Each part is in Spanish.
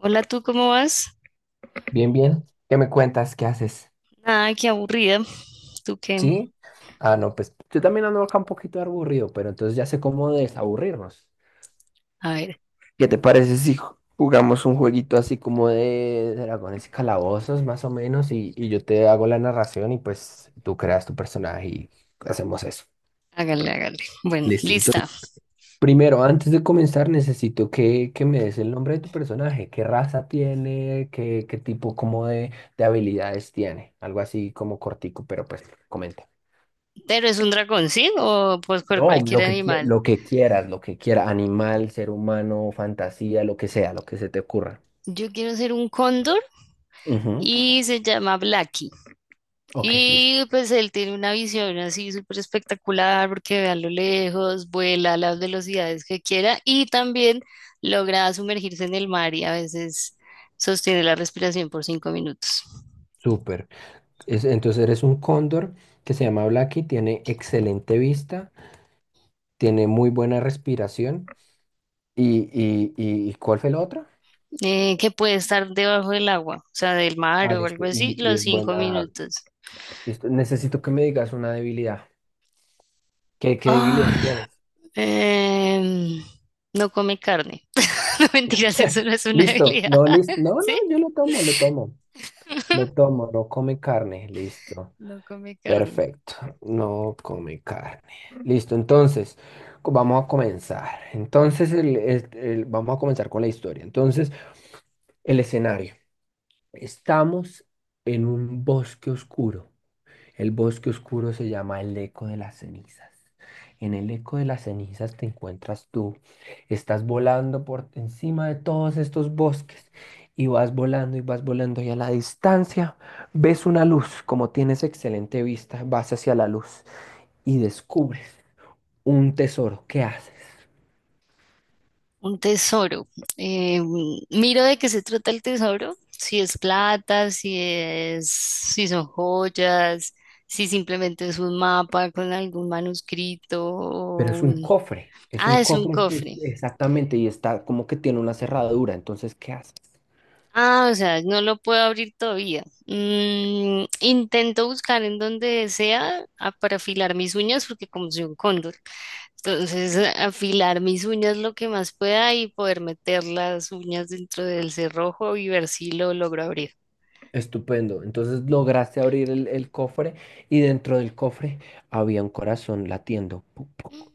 Hola, ¿tú cómo vas? Bien, bien. ¿Qué me cuentas? ¿Qué haces? Nada, qué aburrida. ¿Tú qué? ¿Sí? Ah, no, pues yo también ando acá un poquito aburrido, pero entonces ya sé cómo desaburrirnos. A ver, ¿Qué te parece si jugamos un jueguito así como de dragones y calabozos, más o menos? Y yo te hago la narración y pues tú creas tu personaje y hacemos eso. hágale, hágale. Bueno, Listo. Entonces, lista. primero, antes de comenzar, necesito que me des el nombre de tu personaje. ¿Qué raza tiene? ¿Qué, qué tipo como de habilidades tiene? Algo así como cortico, pero pues comenta. Pero es un dragón, ¿sí? O pues por No, cualquier lo que, animal. Lo que quieras, animal, ser humano, fantasía, lo que sea, lo que se te ocurra. Yo quiero ser un cóndor Ujú. y se llama Blacky. Ok, listo. Y pues él tiene una visión así súper espectacular porque ve a lo lejos, vuela a las velocidades que quiera y también logra sumergirse en el mar y a veces sostiene la respiración por 5 minutos. Súper. Entonces eres un cóndor que se llama Blacky, tiene excelente vista, tiene muy buena respiración. ¿Y cuál fue la otra? Que puede estar debajo del agua, o sea, del mar Ah, o algo listo. así, Y los es cinco buena. minutos. Listo. Necesito que me digas una debilidad. ¿Qué, qué debilidad Ah, tienes? em, no come carne. No mentiras, eso no es una Listo. habilidad. No, listo. No, no, ¿Sí? yo lo tomo, lo tomo. Lo tomo, no come carne. Listo. No come carne. Perfecto, no come carne. Listo, entonces, vamos a comenzar. Entonces, vamos a comenzar con la historia. Entonces, el escenario. Estamos en un bosque oscuro. El bosque oscuro se llama El Eco de las Cenizas. En El Eco de las Cenizas te encuentras tú. Estás volando por encima de todos estos bosques y vas volando y vas volando y a la distancia ves una luz. Como tienes excelente vista, vas hacia la luz y descubres un tesoro. ¿Qué haces? Un tesoro. Em, miro de qué se trata el tesoro. Si es plata, si son joyas, si simplemente es un mapa con algún manuscrito Pero o es un cofre. Es un Ah, es un cofre cofre. exactamente y está como que tiene una cerradura. Entonces, ¿qué haces? Ah, o sea, no lo puedo abrir todavía. Mm, intento buscar en donde sea para afilar mis uñas porque como soy un cóndor, entonces afilar mis uñas lo que más pueda y poder meter las uñas dentro del cerrojo y ver si lo logro abrir. Estupendo. Entonces lograste abrir el cofre y dentro del cofre había un corazón latiendo. Puc, puc,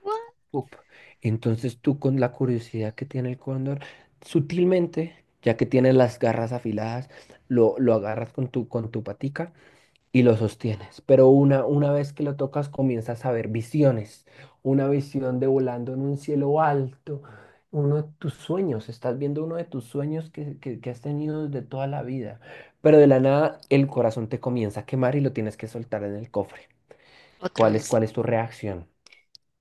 What? puc. Entonces tú con la curiosidad que tiene el cóndor, sutilmente, ya que tienes las garras afiladas, lo agarras con tu patica y lo sostienes. Pero una vez que lo tocas, comienzas a ver visiones. Una visión de volando en un cielo alto, uno de tus sueños. Estás viendo uno de tus sueños que has tenido desde toda la vida. Pero de la nada, el corazón te comienza a quemar y lo tienes que soltar en el cofre. Otra ¿Cuál es, vez. cuál es tu reacción?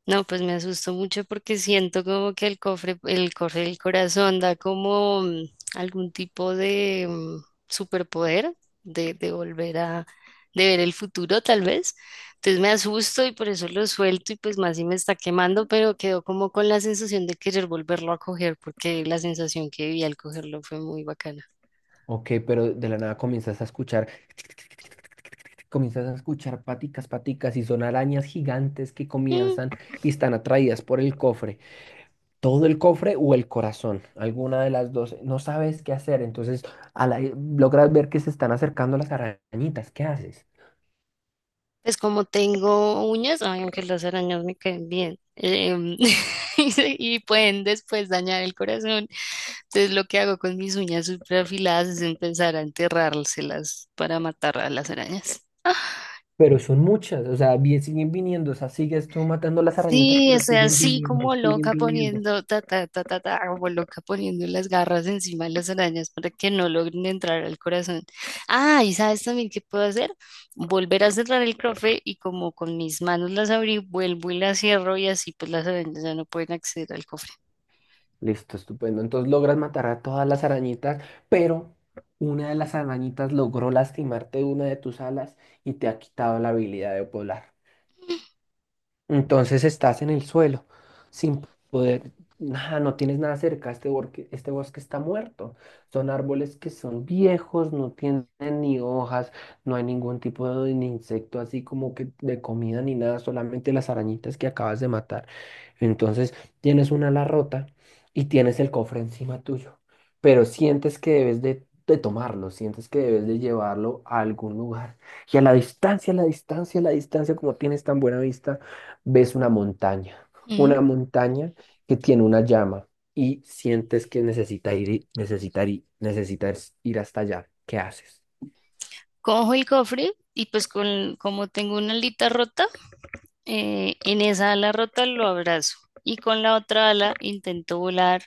No, pues me asustó mucho porque siento como que el cofre del corazón da como algún tipo de superpoder de volver a, de ver el futuro tal vez. Entonces me asusto y por eso lo suelto y pues más si me está quemando, pero quedo como con la sensación de querer volverlo a coger porque la sensación que viví al cogerlo fue muy bacana. Ok, pero de la nada comienzas a escuchar paticas, paticas, y son arañas gigantes que Mm, comienzan y están atraídas por el cofre. Todo el cofre o el corazón, alguna de las dos, no sabes qué hacer, entonces logras ver que se están acercando las arañitas, ¿qué haces? pues como tengo uñas, ay, aunque las arañas me caen bien, y pueden después dañar el corazón. Entonces lo que hago con mis uñas súper afiladas es empezar a enterrárselas para matar a las arañas. Ah, Pero son muchas, o sea, siguen viniendo, o sea, sigues tú matando las arañitas, sí, pero estoy siguen así viniendo, como siguen loca viniendo. poniendo, ta, ta, ta, ta, ta, como loca poniendo las garras encima de las arañas para que no logren entrar al corazón. Ah, ¿y sabes también qué puedo hacer? Volver a cerrar el cofre y como con mis manos las abrí, vuelvo y las cierro y así pues las arañas ya no pueden acceder al cofre. Listo, estupendo. Entonces logras matar a todas las arañitas, pero una de las arañitas logró lastimarte una de tus alas y te ha quitado la habilidad de volar. Entonces estás en el suelo, sin poder, nada, no tienes nada cerca, este bosque está muerto. Son árboles que son viejos, no tienen ni hojas, no hay ningún tipo de ni insecto así como que de comida ni nada, solamente las arañitas que acabas de matar. Entonces tienes una ala rota y tienes el cofre encima tuyo, pero sientes que debes de tomarlo, sientes que debes de llevarlo a algún lugar. Y a la distancia, a la distancia, a la distancia, como tienes tan buena vista, ves Ujú. una montaña que tiene una llama y sientes que necesita ir, necesitar, necesitas ir hasta allá. ¿Qué haces? Cojo el cofre y pues con, como tengo una alita rota, en esa ala rota lo abrazo y con la otra ala intento volar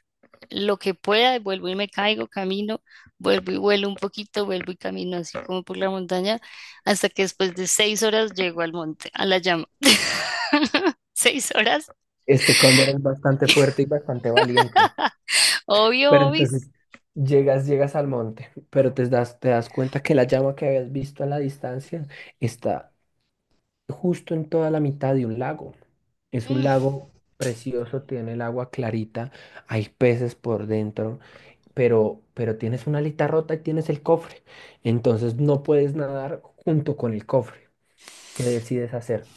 lo que pueda, y vuelvo y me caigo, camino, vuelvo y vuelo un poquito, vuelvo y camino así como por la montaña, hasta que después de 6 horas llego al monte, a la llama. 6 horas, Este cóndor es bastante fuerte y bastante valiente. obvio, Pero obis. entonces llegas, llegas al monte, pero te das cuenta que la llama que habías visto a la distancia está justo en toda la mitad de un lago. Es un Mm. lago precioso, tiene el agua clarita, hay peces por dentro, pero tienes una alita rota y tienes el cofre. Entonces no puedes nadar junto con el cofre. ¿Qué decides hacer?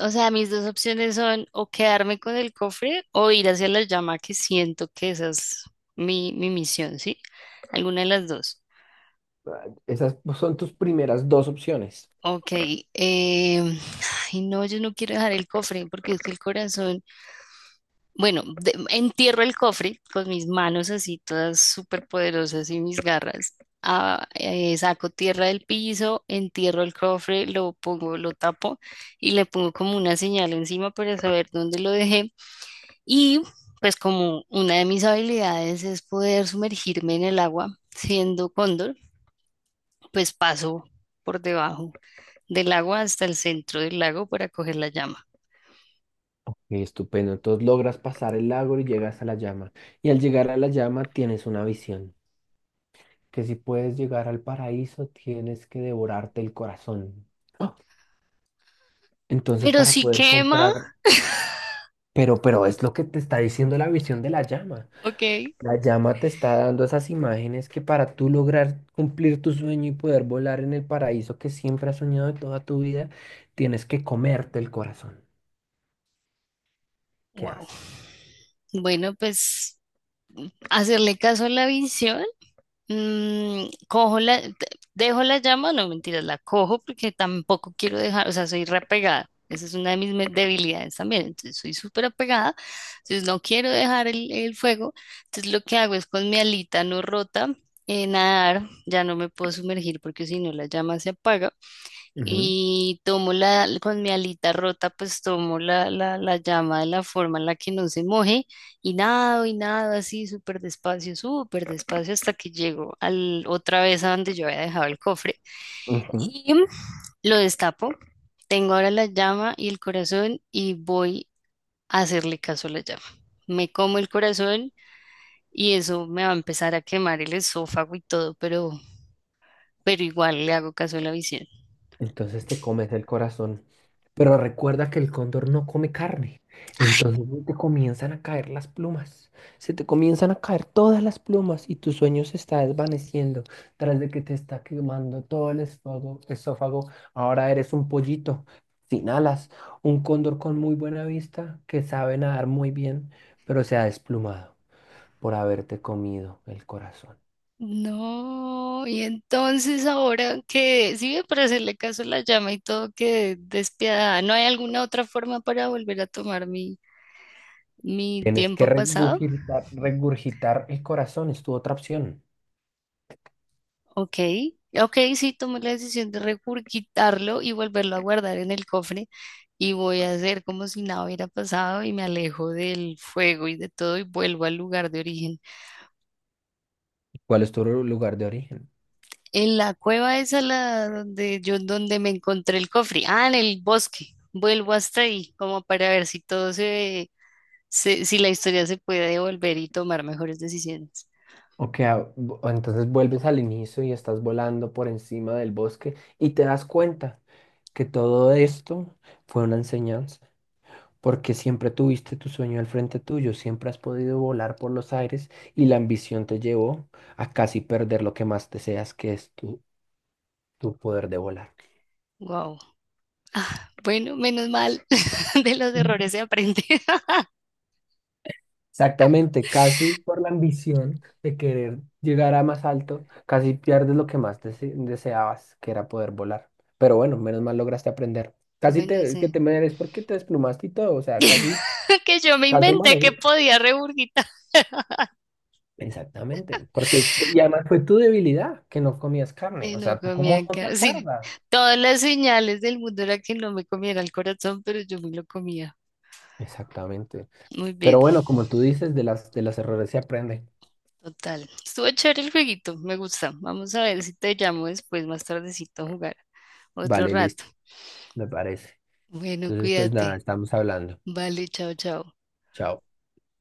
O sea, mis dos opciones son o quedarme con el cofre o ir hacia la llama, que siento que esa es mi misión, ¿sí? Alguna de las dos. Ah, esas son tus primeras dos opciones. Ok, em, ay, no, yo no quiero dejar el cofre porque es que el corazón, bueno, entierro el cofre con mis manos así todas súper poderosas y mis garras. Ah, saco tierra del piso, entierro el cofre, lo pongo, lo tapo y le pongo como una señal encima para saber dónde lo dejé. Y pues como una de mis habilidades es poder sumergirme en el agua, siendo cóndor, pues paso por debajo del agua hasta el centro del lago para coger la llama. Ok, estupendo. Entonces logras pasar el lago y llegas a la llama. Y al llegar a la llama tienes una visión, que si puedes llegar al paraíso tienes que devorarte el corazón. ¡Ah! Entonces Pero para si poder quema, comprar, pero es lo que te está diciendo la visión de la llama. ok, La llama te está dando esas imágenes que para tú lograr cumplir tu sueño y poder volar en el paraíso que siempre has soñado de toda tu vida, tienes que comerte el corazón. ¿Qué wow. haces? Bueno, pues hacerle caso a la visión. Mm, dejo la llama, no mentiras, la cojo porque tampoco quiero dejar, o sea, soy reapegada. Esa es una de mis debilidades también. Entonces, soy súper apegada. Entonces, no quiero dejar el fuego. Entonces, lo que hago es con mi alita no rota, nadar. Ya no me puedo sumergir porque si no, la llama se apaga. Ujú, Y con mi alita rota, pues la llama de la forma en la que no se moje y nado así súper despacio hasta que llego al, otra vez a donde yo había dejado el cofre ujú. y lo destapo. Tengo ahora la llama y el corazón y voy a hacerle caso a la llama. Me como el corazón y eso me va a empezar a quemar el esófago y todo, pero igual le hago caso a la visión. Entonces te comes el corazón. Pero recuerda que el cóndor no come carne. Entonces se te comienzan a caer las plumas. Se te comienzan a caer todas las plumas y tu sueño se está desvaneciendo tras de que te está quemando todo el esófago. Esófago. Ahora eres un pollito sin alas, un cóndor con muy buena vista que sabe nadar muy bien, pero se ha desplumado por haberte comido el corazón. No, y entonces ahora que sí, ve, para hacerle caso a la llama y todo, que despiadada. ¿No hay alguna otra forma para volver a tomar mi Tienes que tiempo pasado? regurgitar, regurgitar el corazón, es tu otra opción. Ok, ok, sí, tomé la decisión de regurgitarlo y volverlo a guardar en el cofre y voy a hacer como si nada hubiera pasado y me alejo del fuego y de todo y vuelvo al lugar de origen. ¿Cuál es tu lugar de origen? En la cueva esa la donde yo donde me encontré el cofre. Ah, en el bosque. Vuelvo hasta ahí, como para ver si todo si la historia se puede devolver y tomar mejores decisiones. Ok, ah, entonces vuelves al inicio y estás volando por encima del bosque y te das cuenta que todo esto fue una enseñanza, porque siempre tuviste tu sueño al frente tuyo, siempre has podido volar por los aires y la ambición te llevó a casi perder lo que más deseas, que es tu, tu poder de volar. Wow, bueno, menos mal. De los errores se aprende. Exactamente, casi por la ambición de querer llegar a más alto, casi pierdes lo que más deseabas, que era poder volar. Pero bueno, menos mal lograste aprender. Casi Bueno, te, que sí. te mereces porque te desplumaste y todo, o sea, casi, Que yo me casi inventé malo, que ¿sí? podía regurgitar. Exactamente, porque y además fue tu debilidad que no comías carne, Que o no sea, ¿tú cómo comían no te carne. Sí, acuerdas? todas las señales del mundo era que no me comiera el corazón, pero yo me lo comía. Exactamente. Muy Pero bien. bueno, como tú dices, de las de los errores se aprende. Total. Estuvo chévere el jueguito, me gusta. Vamos a ver si te llamo después, más tardecito a jugar otro Vale, rato. listo, me parece. Bueno, Entonces, pues nada, cuídate. estamos hablando. Vale, chao, chao. Chao.